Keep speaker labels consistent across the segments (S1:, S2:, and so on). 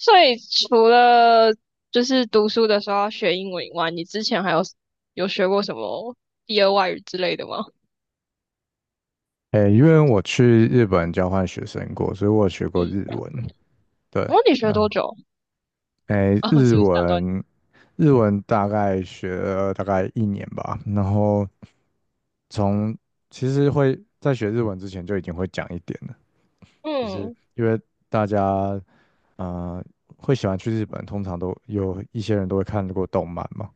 S1: 所以除了就是读书的时候要学英文以外，你之前还有有学过什么第二外语之类的吗？
S2: 诶，因为我去日本交换学生过，所以我有学过
S1: 嗯，
S2: 日文。对，
S1: 哦，你学
S2: 那
S1: 多久？
S2: 诶，
S1: 啊、
S2: 日
S1: 是不是打断你？
S2: 文，日文大概学了大概1年吧。然后从其实会在学日文之前就已经会讲一点了，就
S1: 嗯，
S2: 是
S1: 嗯
S2: 因为大家啊会喜欢去日本，通常都有一些人都会看过动漫嘛。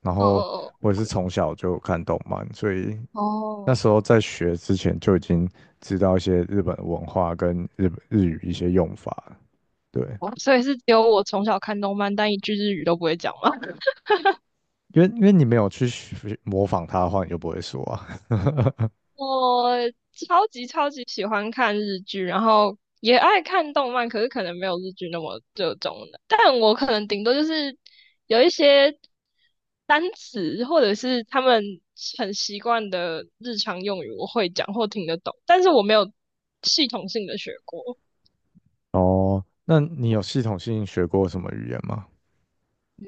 S2: 然后
S1: 哦
S2: 我也是从小就看动漫，所以
S1: 哦
S2: 那
S1: 哦，
S2: 时候在学之前就已经知道一些日本文化跟日本日语一些用法了，对，
S1: 哦，所以是只有我从小看动漫，但一句日语都不会讲吗？
S2: 因为你没有去学模仿他的话，你就不会说啊。
S1: 我超级超级喜欢看日剧，然后也爱看动漫，可是可能没有日剧那么热衷的。但我可能顶多就是有一些单词，或者是他们很习惯的日常用语，我会讲或听得懂，但是我没有系统性的学过。
S2: 哦，那你有系统性学过什么语言吗？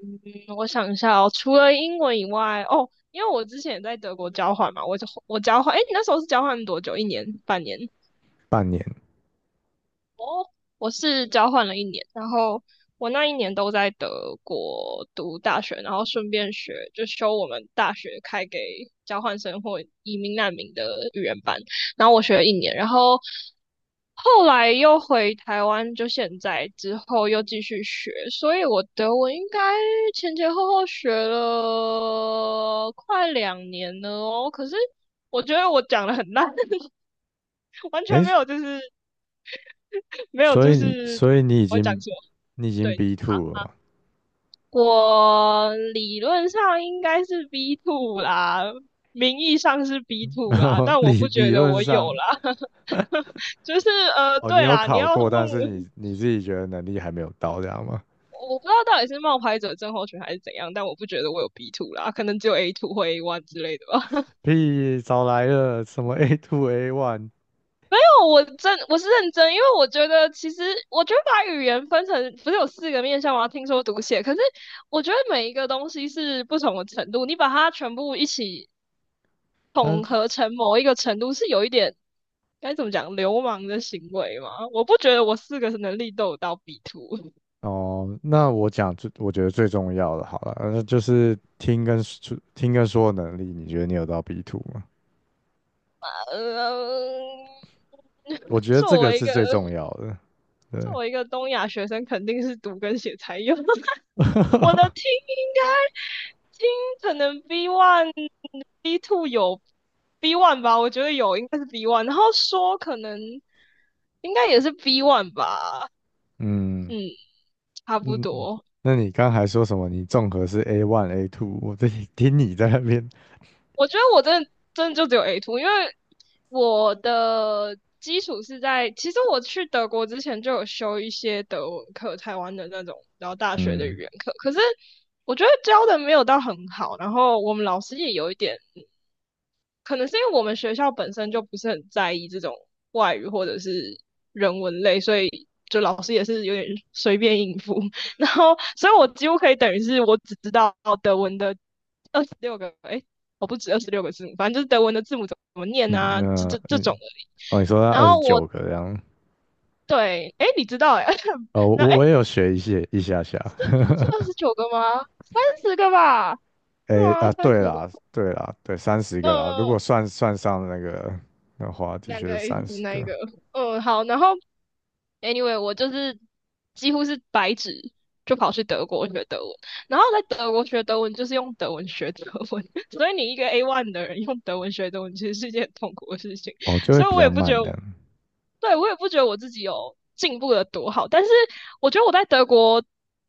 S1: 嗯，我想一下哦，除了英文以外，哦，因为我之前也在德国交换嘛，我交换，诶，你那时候是交换多久？一年、半年？
S2: 半年，
S1: 我是交换了一年，然后我那一年都在德国读大学，然后顺便学就修我们大学开给交换生或移民难民的语言班，然后我学了一年，然后后来又回台湾，就现在之后又继续学，所以我德文应该前前后后学了快2年了哦，可是我觉得我讲的很烂，完全
S2: 诶，
S1: 没有就是没有，
S2: 所
S1: 就
S2: 以你
S1: 是
S2: 所以你已
S1: 我会讲
S2: 经
S1: 错，
S2: 你已经
S1: 对，
S2: B two 了嘛？
S1: 我理论上应该是 B two 啦，名义上是 B two
S2: 然
S1: 啦，
S2: 后
S1: 但我
S2: 理
S1: 不觉
S2: 理
S1: 得
S2: 论
S1: 我有
S2: 上，
S1: 啦。就是
S2: 哦，你
S1: 对
S2: 有
S1: 啦，你
S2: 考
S1: 要问
S2: 过，
S1: 我，
S2: 但是你自己觉得能力还没有到，这样吗？
S1: 我不知道到底是冒牌者症候群还是怎样，但我不觉得我有 B two 啦，可能只有 A two 或 A1 之类的吧。
S2: 屁，早来了，什么 A2 A1，
S1: 我是认真，因为我觉得其实我觉得把语言分成不是有四个面向吗？听说读写，可是我觉得每一个东西是不同的程度，你把它全部一起
S2: 他
S1: 统合成某一个程度，是有一点该怎么讲流氓的行为吗？我不觉得我四个能力都有到 B 图。
S2: 哦，那我讲最，我觉得最重要的好了，那就是听跟说听跟说的能力，你觉得你有到 B two 吗？
S1: 呃，
S2: 我觉得这
S1: 作
S2: 个
S1: 为一
S2: 是
S1: 个
S2: 最重要的。对，
S1: 作为一个东亚学生，肯定是读跟写才有。我的听 应该听可能 B one、B2 有 B one 吧，我觉得有，应该是 B one。然后说可能应该也是 B one 吧，
S2: 嗯
S1: 嗯，差不
S2: 嗯，
S1: 多。
S2: 那你刚才说什么？你综合是 A1 A2，听你在那边，
S1: 我觉得我真的真的就只有 A two，因为我的基础是在，其实我去德国之前就有修一些德文课，台湾的那种，然后大学的语
S2: 嗯
S1: 言课，可是我觉得教的没有到很好，然后我们老师也有一点可能是因为我们学校本身就不是很在意这种外语或者是人文类，所以就老师也是有点随便应付。然后，所以我几乎可以等于是我只知道德文的六个，哎，我不止26个字母，反正就是德文的字母怎么念
S2: 嗯
S1: 啊，这这这
S2: 嗯，
S1: 种而已。
S2: 哦，你说那
S1: 然
S2: 二十
S1: 后我
S2: 九个这样，
S1: 对，哎，你知道哎，
S2: 哦，
S1: 那
S2: 我
S1: 哎
S2: 我也有学一些一下下。
S1: 是29个吗？三十个吧？是
S2: 诶
S1: 吗？
S2: 啊，
S1: 三
S2: 对
S1: 十个？
S2: 啦，对啦，对，三十
S1: 嗯、
S2: 个啦，如果
S1: 呃
S2: 算上那个的话，的
S1: 两
S2: 确
S1: 个
S2: 是
S1: A
S2: 三
S1: 组
S2: 十
S1: 那一
S2: 个。
S1: 个。嗯，好，然后 Anyway，我就是几乎是白纸就跑去德国学德文，然后在德国学德文就是用德文学德文，所以你一个 A1 的人用德文学德文，其实是一件很痛苦的事情。
S2: 哦，就会
S1: 所以
S2: 比
S1: 我
S2: 较
S1: 也不觉
S2: 慢
S1: 得我，
S2: 的，
S1: 对，我也不觉得我自己有进步的多好。但是我觉得我在德国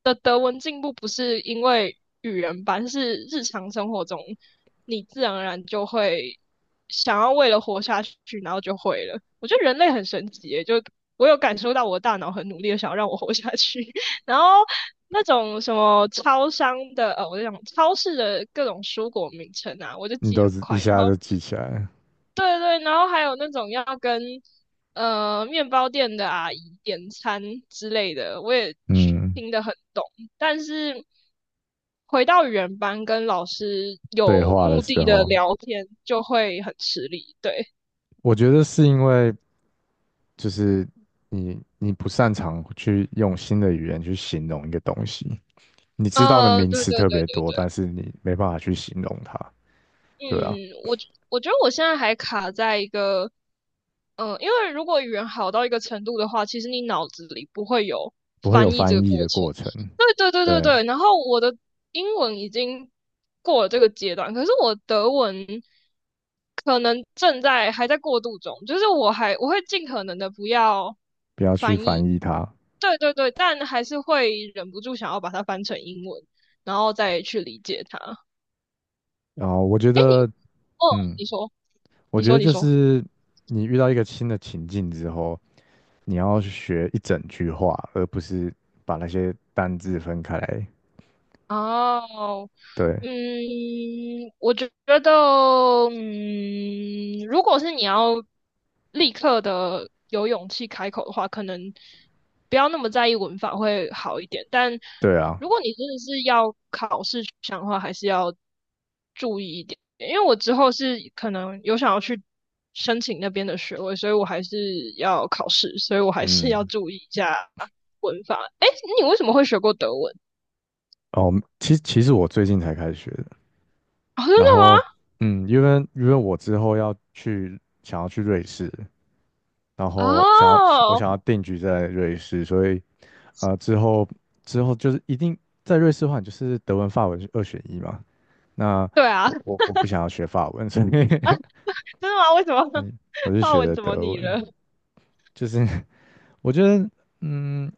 S1: 的德文进步不是因为语言班，是日常生活中你自然而然就会想要为了活下去，然后就会了。我觉得人类很神奇耶，就我有感受到我的大脑很努力的想要让我活下去，然后。那种什么超商的，我就讲超市的各种蔬果名称啊，我就
S2: 你
S1: 记
S2: 都
S1: 很
S2: 是一
S1: 快，然
S2: 下
S1: 后
S2: 就记起来了。
S1: 对对，然后还有那种要跟面包店的阿姨点餐之类的，我也
S2: 嗯，
S1: 听得很懂。但是回到原班跟老师
S2: 对
S1: 有
S2: 话的
S1: 目
S2: 时
S1: 的的
S2: 候，
S1: 聊天，就会很吃力。对，
S2: 我觉得是因为就是你不擅长去用新的语言去形容一个东西，你知道的名
S1: 对
S2: 词
S1: 对
S2: 特
S1: 对
S2: 别多，但是你没办法去形容它，对啊，
S1: 嗯，我我觉得我现在还卡在一个，因为如果语言好到一个程度的话，其实你脑子里不会有
S2: 不会有
S1: 翻译这
S2: 翻
S1: 个
S2: 译
S1: 过
S2: 的
S1: 程。
S2: 过程，
S1: 对对对对
S2: 对，
S1: 对，然后我的英文已经过了这个阶段，可是我德文可能正在还在过渡中，就是我会尽可能的不要
S2: 不要去
S1: 翻
S2: 翻
S1: 译。
S2: 译它。
S1: 对对对，但还是会忍不住想要把它翻成英文，然后再去理解它。
S2: 然后我觉
S1: 哎，
S2: 得，
S1: 哦，
S2: 嗯，
S1: 你说。
S2: 我
S1: 你
S2: 觉
S1: 说，
S2: 得
S1: 你
S2: 就
S1: 说。
S2: 是你遇到一个新的情境之后，你要去学一整句话，而不是把那些单字分开来。
S1: 哦，
S2: 对，
S1: 嗯，我觉得，如果是你要立刻的有勇气开口的话，可能不要那么在意文法会好一点。但
S2: 对啊，
S1: 如果你真的是要考试取向的话，还是要注意一点。因为我之后是可能有想要去申请那边的学位，所以我还是要考试，所以我还是要
S2: 嗯，
S1: 注意一下文法。诶，你为什么会学过德文？
S2: 哦，其实我最近才开始学的。
S1: 哦，真
S2: 然
S1: 的
S2: 后
S1: 吗？
S2: 嗯，因为我之后想要去瑞士，然后想要我
S1: 哦，
S2: 想要定居在瑞士，所以啊，之后就是一定在瑞士的话，你就是德文、法文是二选一嘛。那
S1: 对啊
S2: 我 我
S1: 真
S2: 我不想要学法文，所以
S1: 的吗？为什么
S2: 嗯我 就
S1: 法
S2: 学
S1: 文
S2: 的
S1: 怎么
S2: 德
S1: 你
S2: 文，
S1: 了？
S2: 就是 我觉得。嗯，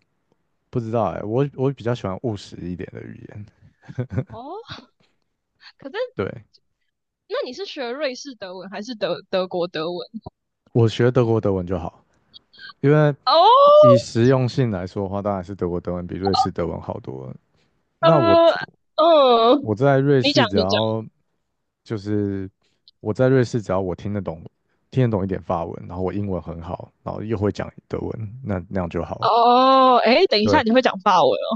S2: 不知道哎、我比较喜欢务实一点的语言。
S1: 哦，可是
S2: 对，
S1: 那你是学瑞士德文还是德国德文？
S2: 我学德国德文就好，因为
S1: 哦，
S2: 以实用性来说的话，当然是德国德文比瑞士德文好多了。那
S1: 呃，嗯，
S2: 我在瑞
S1: 你
S2: 士，
S1: 讲
S2: 只
S1: 你讲。
S2: 要就是我在瑞士，只要我听得懂一点法文，然后我英文很好，然后又会讲德文，那那样就好了。
S1: 哦，哎，等一下，
S2: 对，
S1: 你会讲法文哦？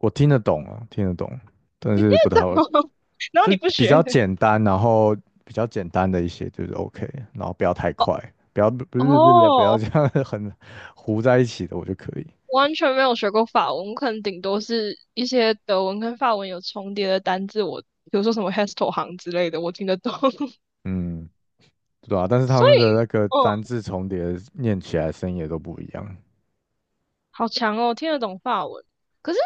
S2: 我听得懂啊，听得懂，但
S1: 你听
S2: 是不太
S1: 得
S2: 会，
S1: 懂？然后
S2: 就
S1: 你
S2: 是
S1: 不
S2: 比
S1: 学？
S2: 较简单，然后比较简单的一些就是 OK，然后不要太快，不要不要
S1: 哦，
S2: 这样 很糊在一起的，我就可以。
S1: 完全没有学过法文，我可能顶多是一些德文跟法文有重叠的单字，我比如说什么 Hestel 行之类的，我听得懂。
S2: 嗯，对啊，但是他
S1: 所
S2: 们的
S1: 以，
S2: 那个单字重叠念起来声音也都不一样。
S1: 好强哦，听得懂法文。可是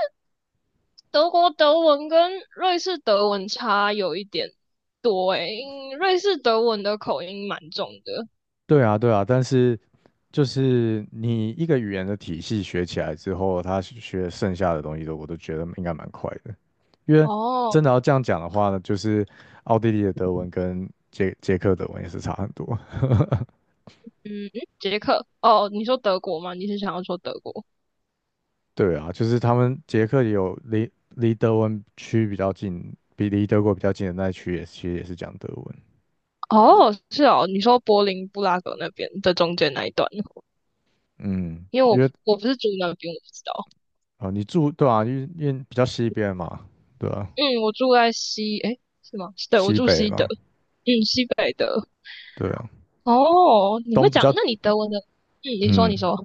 S1: 德国德文跟瑞士德文差有一点多诶，因瑞士德文的口音蛮重的。
S2: 对啊，对啊，但是就是你一个语言的体系学起来之后，学剩下的东西都我都觉得应该蛮快的，因为
S1: 哦，
S2: 真的要这样讲的话呢，就是奥地利的德文跟捷克德文也是差很多。
S1: 嗯，捷克。哦，你说德国吗？你是想要说德国？
S2: 对啊，就是他们捷克也有离德文区比较近，比离德国比较近的那一区也其实也是讲德文。
S1: 哦，是哦，你说柏林布拉格那边的中间那一段，
S2: 嗯，
S1: 因为
S2: 因
S1: 我
S2: 为
S1: 我不是住那边，我不知道。
S2: 啊、对啊，因为比较西边嘛，对啊，
S1: 嗯，我住在西，诶，是吗？对，我
S2: 西
S1: 住
S2: 北
S1: 西德，
S2: 嘛，
S1: 嗯，西北德。
S2: 对啊，
S1: 哦，你会
S2: 东比
S1: 讲？
S2: 较
S1: 那你德文的？嗯，你说，
S2: 嗯，
S1: 你说。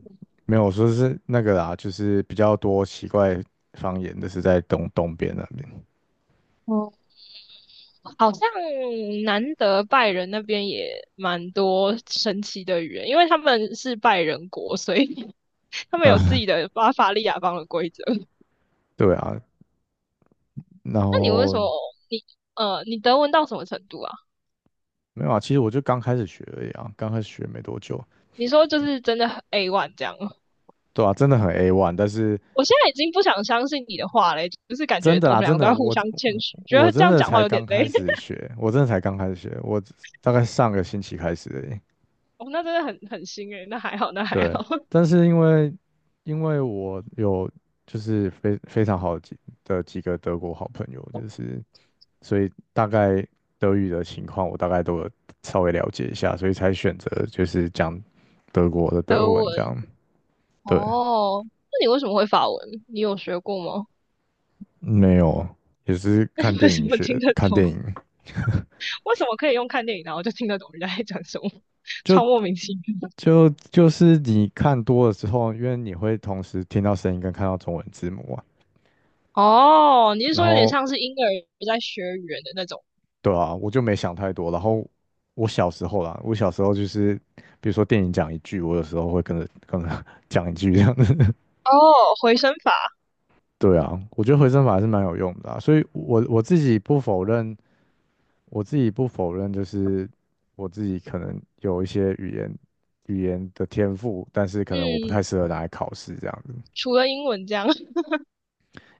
S2: 没有我说是那个啦，就是比较多奇怪方言的是在东边那边。
S1: 好像南德拜仁那边也蛮多神奇的语言，因为他们是拜仁国，所以 他们有
S2: 呃，
S1: 自己的巴伐利亚方的规则。
S2: 对啊，然
S1: 那
S2: 后
S1: 你你德文到什么程度啊？
S2: 没有啊，其实我就刚开始学而已啊，刚开始学没多久，
S1: 你说就是真的很 A one 这样吗？
S2: 对啊，真的很 A one，但是。
S1: 我现在已经不想相信你的话嘞，就是感
S2: 真
S1: 觉
S2: 的
S1: 我们
S2: 啦，
S1: 两
S2: 真
S1: 个都
S2: 的，
S1: 要互
S2: 我
S1: 相谦虚，觉
S2: 我
S1: 得这
S2: 真
S1: 样
S2: 的
S1: 讲话
S2: 才
S1: 有点
S2: 刚
S1: 累。
S2: 开始 学，我真的才刚开始学，我大概上个星期开始而已。
S1: 哦，那真的很新诶，那还好，那还
S2: 对，
S1: 好。
S2: 但是因为我有就是非常好的几个德国好朋友，就是所以大概德语的情况我大概都有稍微了解一下，所以才选择就是讲德国的
S1: 德
S2: 德文
S1: 文
S2: 这样。对，
S1: 哦，那你为什么会法文？你有学过吗？
S2: 没有，也是
S1: 那你
S2: 看
S1: 为
S2: 电
S1: 什
S2: 影
S1: 么听
S2: 学，
S1: 得
S2: 看电
S1: 懂？
S2: 影。
S1: 为什么可以用看电影，然后就听得懂人家在讲什么，超
S2: 就
S1: 莫名其妙。
S2: 就是你看多了之后，因为你会同时听到声音跟看到中文字幕啊，
S1: 哦，你是
S2: 然
S1: 说有点
S2: 后
S1: 像是婴儿在学语言的那种？
S2: 对啊，我就没想太多。然后我小时候啦，我小时候就是比如说电影讲一句，我有时候会跟着跟着 讲一句这样子。
S1: 哦，回声法，
S2: 对啊，我觉得回声法还是蛮有用的啊，所以我自己不否认，我自己不否认，就是我自己可能有一些语言语言的天赋，但是可能我不太
S1: 嗯，
S2: 适合拿来考试这样子。
S1: 除了英文这样，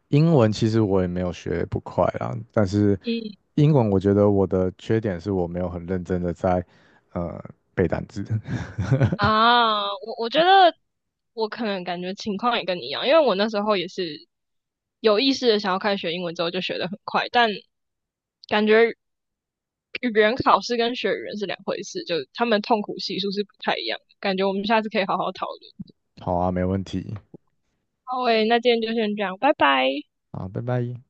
S2: 英文其实我也没有学不快啦，但是
S1: 嗯
S2: 英文我觉得我的缺点是我没有很认真的在呃背单词。
S1: 我觉得我可能感觉情况也跟你一样，因为我那时候也是有意识的想要开始学英文之后就学得很快，但感觉语言考试跟学语言是两回事，就他们痛苦系数是不太一样的，感觉我们下次可以好好讨论。
S2: 好啊，没问题。
S1: 好诶，那今天就先这样，拜拜。
S2: 好，拜拜。